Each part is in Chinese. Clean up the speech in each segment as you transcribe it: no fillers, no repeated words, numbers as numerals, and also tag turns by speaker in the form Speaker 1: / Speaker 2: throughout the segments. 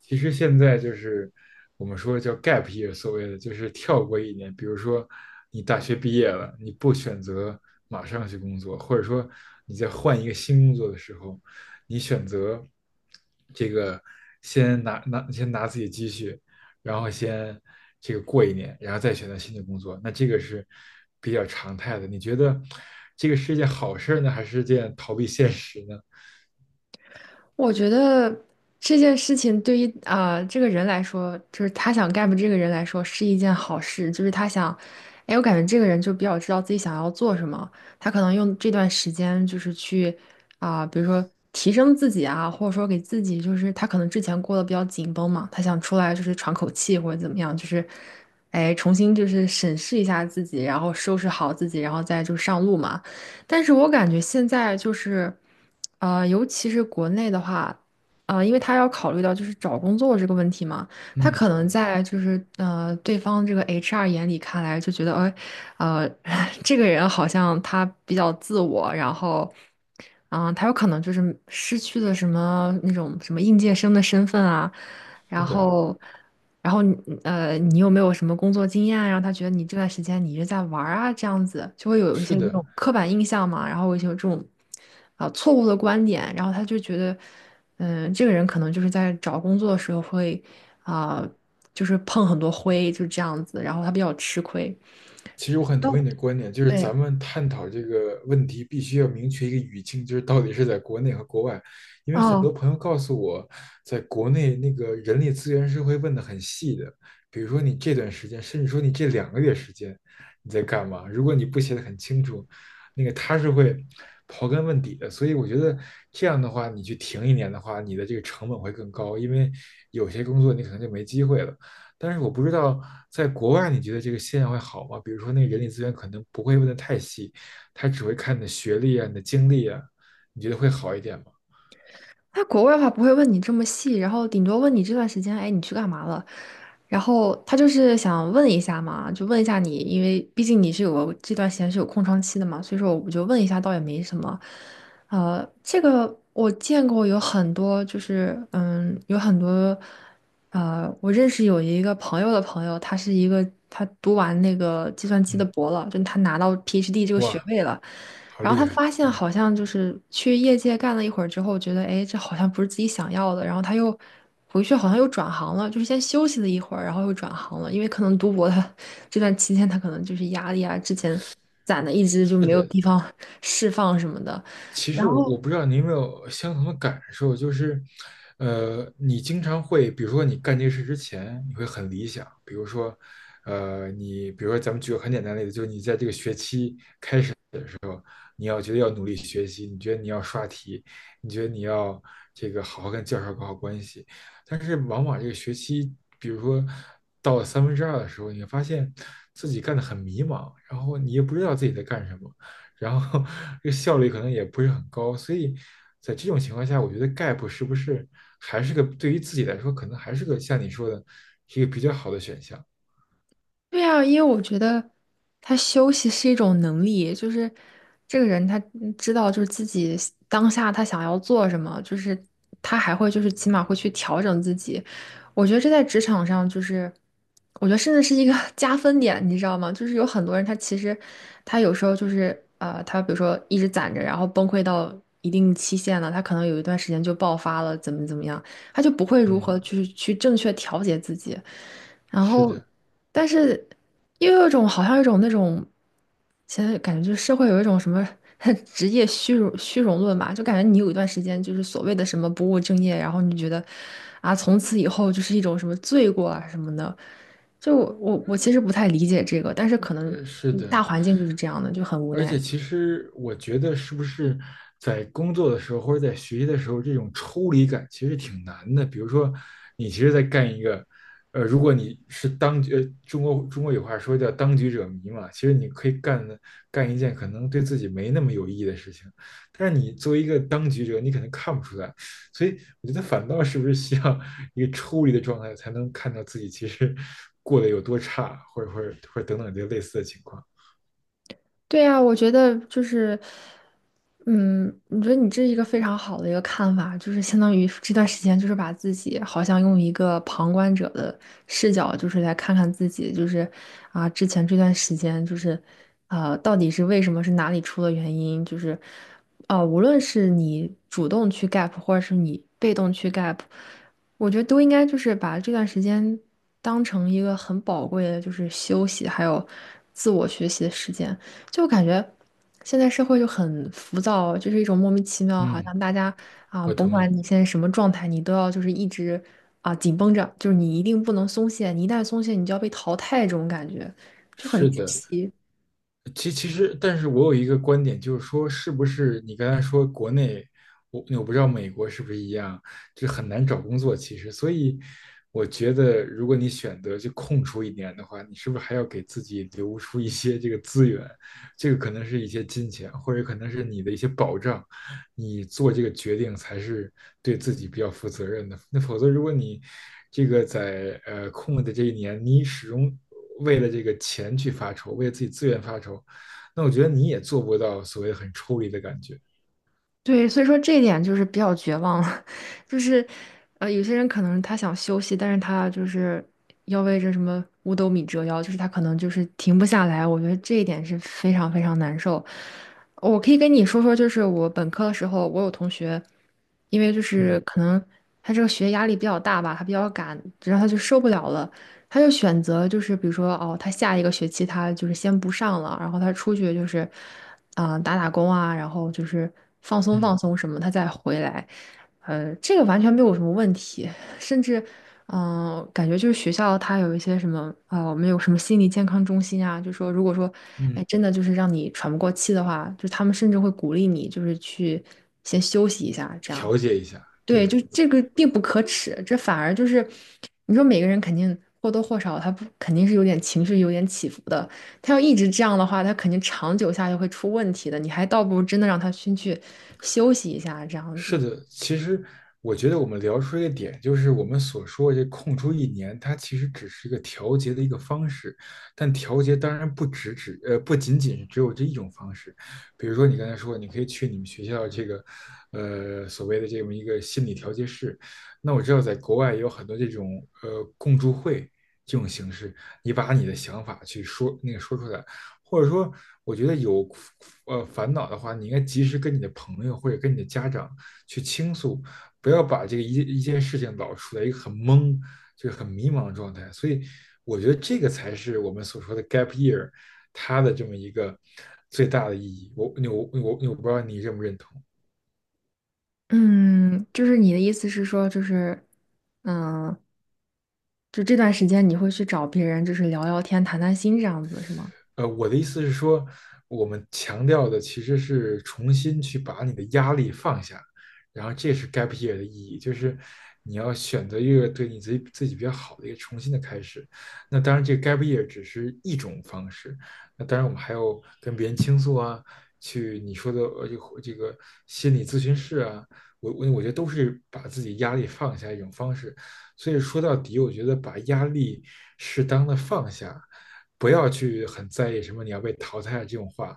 Speaker 1: 其实现在就是我们说叫 gap year，所谓的就是跳过一年。比如说，你大学毕业了，你不选择马上去工作，或者说你在换一个新工作的时候，你选择这个先拿自己积蓄，然后先这个过一年，然后再选择新的工作。那这个是比较常态的。你觉得这个是一件好事儿呢，还是件逃避现实呢？
Speaker 2: 我觉得这件事情对于这个人来说，就是他想 gap 这个人来说是一件好事，就是他想，哎，我感觉这个人就比较知道自己想要做什么，他可能用这段时间就是去比如说提升自己啊，或者说给自己就是他可能之前过得比较紧绷嘛，他想出来就是喘口气或者怎么样，就是哎重新就是审视一下自己，然后收拾好自己，然后再就上路嘛。但是我感觉现在就是，尤其是国内的话，因为他要考虑到就是找工作这个问题嘛，他
Speaker 1: 嗯
Speaker 2: 可能
Speaker 1: 嗯，
Speaker 2: 在就是对方这个 HR 眼里看来就觉得，哎，呃，这个人好像他比较自我，然后，他有可能就是失去了什么那种什么应届生的身份啊，
Speaker 1: 是
Speaker 2: 然
Speaker 1: 的，
Speaker 2: 后，然后你有没有什么工作经验啊？让他觉得你这段时间你一直在玩儿啊，这样子就会有一
Speaker 1: 是
Speaker 2: 些这
Speaker 1: 的。
Speaker 2: 种刻板印象嘛，然后有一些这种错误的观点，然后他就觉得。嗯，这个人可能就是在找工作的时候会啊、就是碰很多灰，就是这样子，然后他比较吃亏。
Speaker 1: 其实我很
Speaker 2: 哦，
Speaker 1: 同意你的观点，就是
Speaker 2: 对，
Speaker 1: 咱们探讨这个问题，必须要明确一个语境，就是到底是在国内和国外。因为很
Speaker 2: 哦，
Speaker 1: 多朋友告诉我，在国内那个人力资源是会问的很细的，比如说你这段时间，甚至说你这两个月时间你在干嘛，如果你不写的很清楚，那个他是会刨根问底的。所以我觉得这样的话，你去停一年的话，你的这个成本会更高，因为有些工作你可能就没机会了。但是我不知道在国外，你觉得这个现象会好吗？比如说，那个人力资源可能不会问的太细，他只会看你的学历啊、你的经历啊，你觉得会好一点吗？
Speaker 2: 在国外的话不会问你这么细，然后顶多问你这段时间，哎，你去干嘛了？然后他就是想问一下嘛，就问一下你，因为毕竟你是有个这段时间是有空窗期的嘛，所以说我就问一下，倒也没什么。这个我见过有很多，就是有很多，我认识有一个朋友的朋友，他是一个他读完那个计算机的
Speaker 1: 嗯，
Speaker 2: 博了，就他拿到 PhD 这个学
Speaker 1: 哇，
Speaker 2: 位了。
Speaker 1: 好
Speaker 2: 然后
Speaker 1: 厉
Speaker 2: 他
Speaker 1: 害，
Speaker 2: 发现
Speaker 1: 嗯，
Speaker 2: 好像就是去业界干了一会儿之后，觉得哎，这好像不是自己想要的，然后他又回去好像又转行了，就是先休息了一会儿，然后又转行了，因为可能读博他这段期间他可能就是压力啊，之前攒的一直就
Speaker 1: 是
Speaker 2: 没有
Speaker 1: 的。
Speaker 2: 地方释放什么的，
Speaker 1: 其
Speaker 2: 然
Speaker 1: 实我
Speaker 2: 后。
Speaker 1: 我不知道你有没有相同的感受，就是，你经常会，比如说你干这个事之前，你会很理想，比如说，你比如说咱们举个很简单的例子，就是你在这个学期你要觉得要努力学习，你觉得你要刷题，你觉得你要这个好好跟教授搞好关系。但是往往这个学期，比如说到了三分之二的时候，你会发现自己干得很迷茫，然后你也不知道自己在干什么，然后 这个效率可能也不是很高。所以在这种情况下，我觉得 gap 是不是还是个对于自己来说，可能还是个像你说的，一个比较好的选项。
Speaker 2: 对啊，因为我觉得他休息是一种能力，就是这个人他知道就是自己当下他想要做什么，就是他还会就是起码会去调整自己。我觉得这在职场上就是，我觉得甚至是一个 加分点，你知道吗？就是有很多人他其实他有时候就是他比如说一直攒着，然后崩溃到一定期限了，他可能有一段时间就爆发了，怎么怎么样。他就不会如
Speaker 1: 嗯，
Speaker 2: 何去正确调节自己。然
Speaker 1: 是
Speaker 2: 后，
Speaker 1: 的，
Speaker 2: 但是又有一种好像有一种那种，现在感觉就是社会有一种什么 职业虚荣论吧，就感觉你有一段时间就是所谓的什么不务正业，然后你觉得啊，从此以后就是一种什么罪过啊什么的。就我其实不太理解这个，但是可能
Speaker 1: 是
Speaker 2: 大
Speaker 1: 的。
Speaker 2: 环境就是这样的，就很无
Speaker 1: 而且，
Speaker 2: 奈。
Speaker 1: 其实我觉得，是不是在工作的时候或者在学习的时候，这种抽离感其实挺难的。比如说，你其实在干一个，呃，如果你是当局，呃中国有话说叫"当局者迷"嘛，其实你可以干的干一件可能对自己没那么有意义的事情，但是你作为一个当局者，你可能看不出来。所以，我觉得反倒是不是需要一个抽离的状态，才能看到自己其实过得有多差，或者等等这类似的情况。
Speaker 2: 对呀，我觉得就是，嗯，我觉得你这是一个非常好的一个看法，就是相当于这段时间，就是把自己好像用一个旁观者的视角，就是来看看自己，就是啊，之前这段时间就是，到底是为什么，是哪里出了原因，就是，啊，无论是你主动去 gap，或者是你被动去 gap，我觉得都应该就是把这段时间当成一个很宝贵的，就是休息还有自我学习的时间。就感觉现在社会就很浮躁，就是一种莫名其妙，好
Speaker 1: 嗯，
Speaker 2: 像大家啊，
Speaker 1: 我
Speaker 2: 甭
Speaker 1: 同
Speaker 2: 管
Speaker 1: 意。
Speaker 2: 你现在什么状态，你都要就是一直啊紧绷着，就是你一定不能松懈，你一旦松懈，你就要被淘汰，这种感觉就很
Speaker 1: 是
Speaker 2: 窒
Speaker 1: 的，
Speaker 2: 息。
Speaker 1: 其实，但是我有一个观点，就是说，是不是你刚才说国内，我不知道美国是不是一样，就很难找工作。其实，所以我觉得，如果你选择就空出一年的话，你是不是还要给自己留出一些这个资源？这个可能是一些金钱，或者可能是你的一些保障。你做这个决定才是对自己比较负责任的。那否则，如果你这个在呃空了的这一年，你始终为了这个钱去发愁，为了自己资源发愁，那我觉得你也做不到所谓很抽离的感觉。
Speaker 2: 对，所以说这一点就是比较绝望了，就是有些人可能他想休息，但是他就是要为这什么五斗米折腰，就是他可能就是停不下来。我觉得这一点是非常非常难受。我可以跟你说说，就是我本科的时候，我有同学，因为就是
Speaker 1: 嗯
Speaker 2: 可能他这个学业压力比较大吧，他比较赶，然后他就受不了了，他就选择就是比如说哦，他下一个学期他就是先不上了，然后他出去就是打打工啊，然后就是放松
Speaker 1: 嗯
Speaker 2: 放松什么，他再回来。这个完全没有什么问题，甚至感觉就是学校它有一些什么我们有什么心理健康中心啊，就说如果说
Speaker 1: 嗯，
Speaker 2: 哎真的就是让你喘不过气的话，就他们甚至会鼓励你就是去先休息一下这样。
Speaker 1: 调节一下，
Speaker 2: 对，
Speaker 1: 对。
Speaker 2: 就这个并不可耻，这反而就是，你说每个人肯定或多或少，他不肯定是有点情绪有点起伏的。他要一直这样的话，他肯定长久下去会出问题的。你还倒不如真的让他先去休息一下，这样子。
Speaker 1: 是的，其实我觉得我们聊出一个点，就是我们所说的这空出一年，它其实只是一个调节的一个方式，但调节当然不仅仅是只有这一种方式，比如说你刚才说，你可以去你们学校这个呃所谓的这么一个心理调节室，那我知道在国外也有很多这种呃共助会这种形式，你把你的想法去说那个说出来，或者说我觉得有呃烦恼的话，你应该及时跟你的朋友或者跟你的家长。去倾诉，不要把这个一件事情老处在一个很懵、就是很迷茫的状态。所以，我觉得这个才是我们所说的 gap year 它的这么一个最大的意义。我不知道你认不认同。
Speaker 2: 嗯，就是你的意思是说，就是，嗯，就这段时间你会去找别人，就是聊聊天、谈谈心这样子，是吗？
Speaker 1: 我的意思是说，我们强调的其实是重新去把你的压力放下，然后这是 gap year 的意义，就是你要选择一个对你自己比较好的一个重新的开始。那当然，这个 gap year 只是一种方式。那当然，我们还有跟别人倾诉啊，去你说的呃这个心理咨询室啊，我觉得都是把自己压力放下一种方式。所以说到底，我觉得把压力适当的放下。不要去很在意什么你要被淘汰这种话，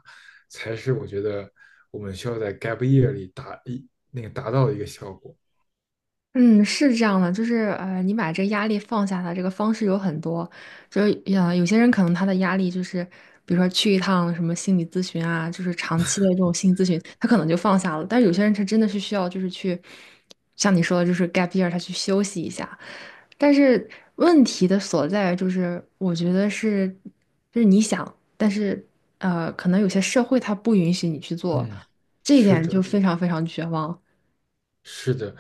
Speaker 1: 才是我觉得我们需要在 gap year 里达到的一个效果。
Speaker 2: 嗯，是这样的，就是你把这个压力放下的这个方式有很多，就是有些人可能他的压力就是，比如说去一趟什么心理咨询啊，就是长期的这种心理咨询，他可能就放下了。但是有些人他真的是需要就是去，像你说的，就是 gap year，他去休息一下。但是问题的所在就是，我觉得是，就是你想，但是可能有些社会它不允许你去做，
Speaker 1: 嗯，
Speaker 2: 这一
Speaker 1: 是
Speaker 2: 点就
Speaker 1: 的，
Speaker 2: 非常非常绝望。
Speaker 1: 是的，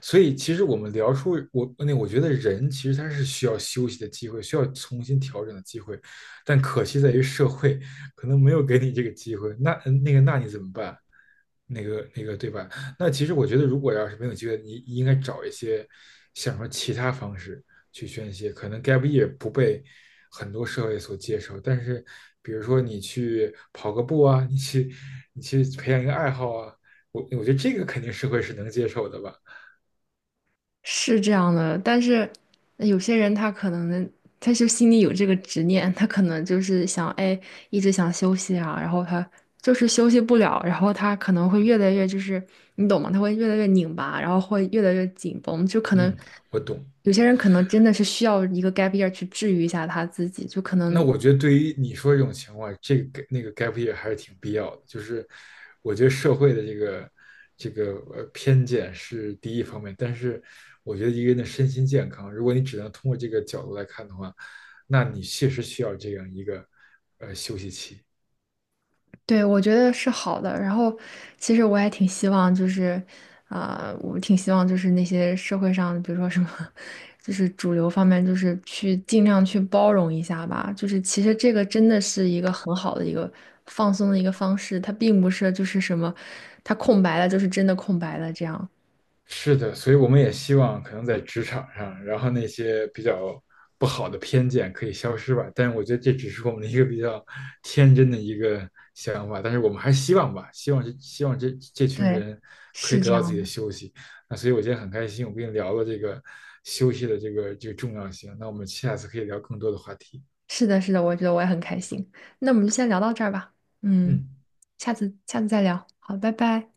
Speaker 1: 所以其实我们聊出我那我觉得人其实他是需要休息的机会，需要重新调整的机会，但可惜在于社会可能没有给你这个机会。那那你怎么办？对吧？那其实我觉得，如果要是没有机会，你应该找一些想说其他方式去宣泄。可能 gap y 不被很多社会所接受，但是比如说你去跑个步啊，你去培养一个爱好啊，我觉得这个肯定社会是能接受的吧。
Speaker 2: 是这样的，但是有些人他可能他就心里有这个执念，他可能就是想，哎，一直想休息啊，然后他就是休息不了，然后他可能会越来越就是你懂吗？他会越来越拧巴，然后会越来越紧绷，就可能
Speaker 1: 嗯，我懂。
Speaker 2: 有些人可能真的是需要一个 gap year 去治愈一下他自己，就可
Speaker 1: 那
Speaker 2: 能
Speaker 1: 我觉得对于你说这种情况，这个 gap year 还是挺必要的。就是我觉得社会的这个偏见是第一方面，但是我觉得一个人的身心健康，如果你只能通过这个角度来看的话，那你确实需要这样一个呃休息期。
Speaker 2: 对，我觉得是好的。然后，其实我也挺希望，就是，我挺希望就是那些社会上，比如说什么，就是主流方面，就是去尽量去包容一下吧。就是其实这个真的是一个很好的一个放松的一个方式，它并不是就是什么，它空白了就是真的空白了这样。
Speaker 1: 是的，所以我们也希望可能在职场上，然后那些比较不好的偏见可以消失吧。但是我觉得这只是我们的一个比较天真的一个想法，但是我们还是希望吧，希望这群
Speaker 2: 对，
Speaker 1: 人可以
Speaker 2: 是
Speaker 1: 得
Speaker 2: 这
Speaker 1: 到自
Speaker 2: 样
Speaker 1: 己的
Speaker 2: 的。
Speaker 1: 休息。那所以我今天很开心，我跟你聊了这个休息的这个重要性。那我们下次可以聊更多的话题。
Speaker 2: 是的，是的，我觉得我也很开心。那我们就先聊到这儿吧。嗯，
Speaker 1: 嗯。
Speaker 2: 下次下次再聊。好，拜拜。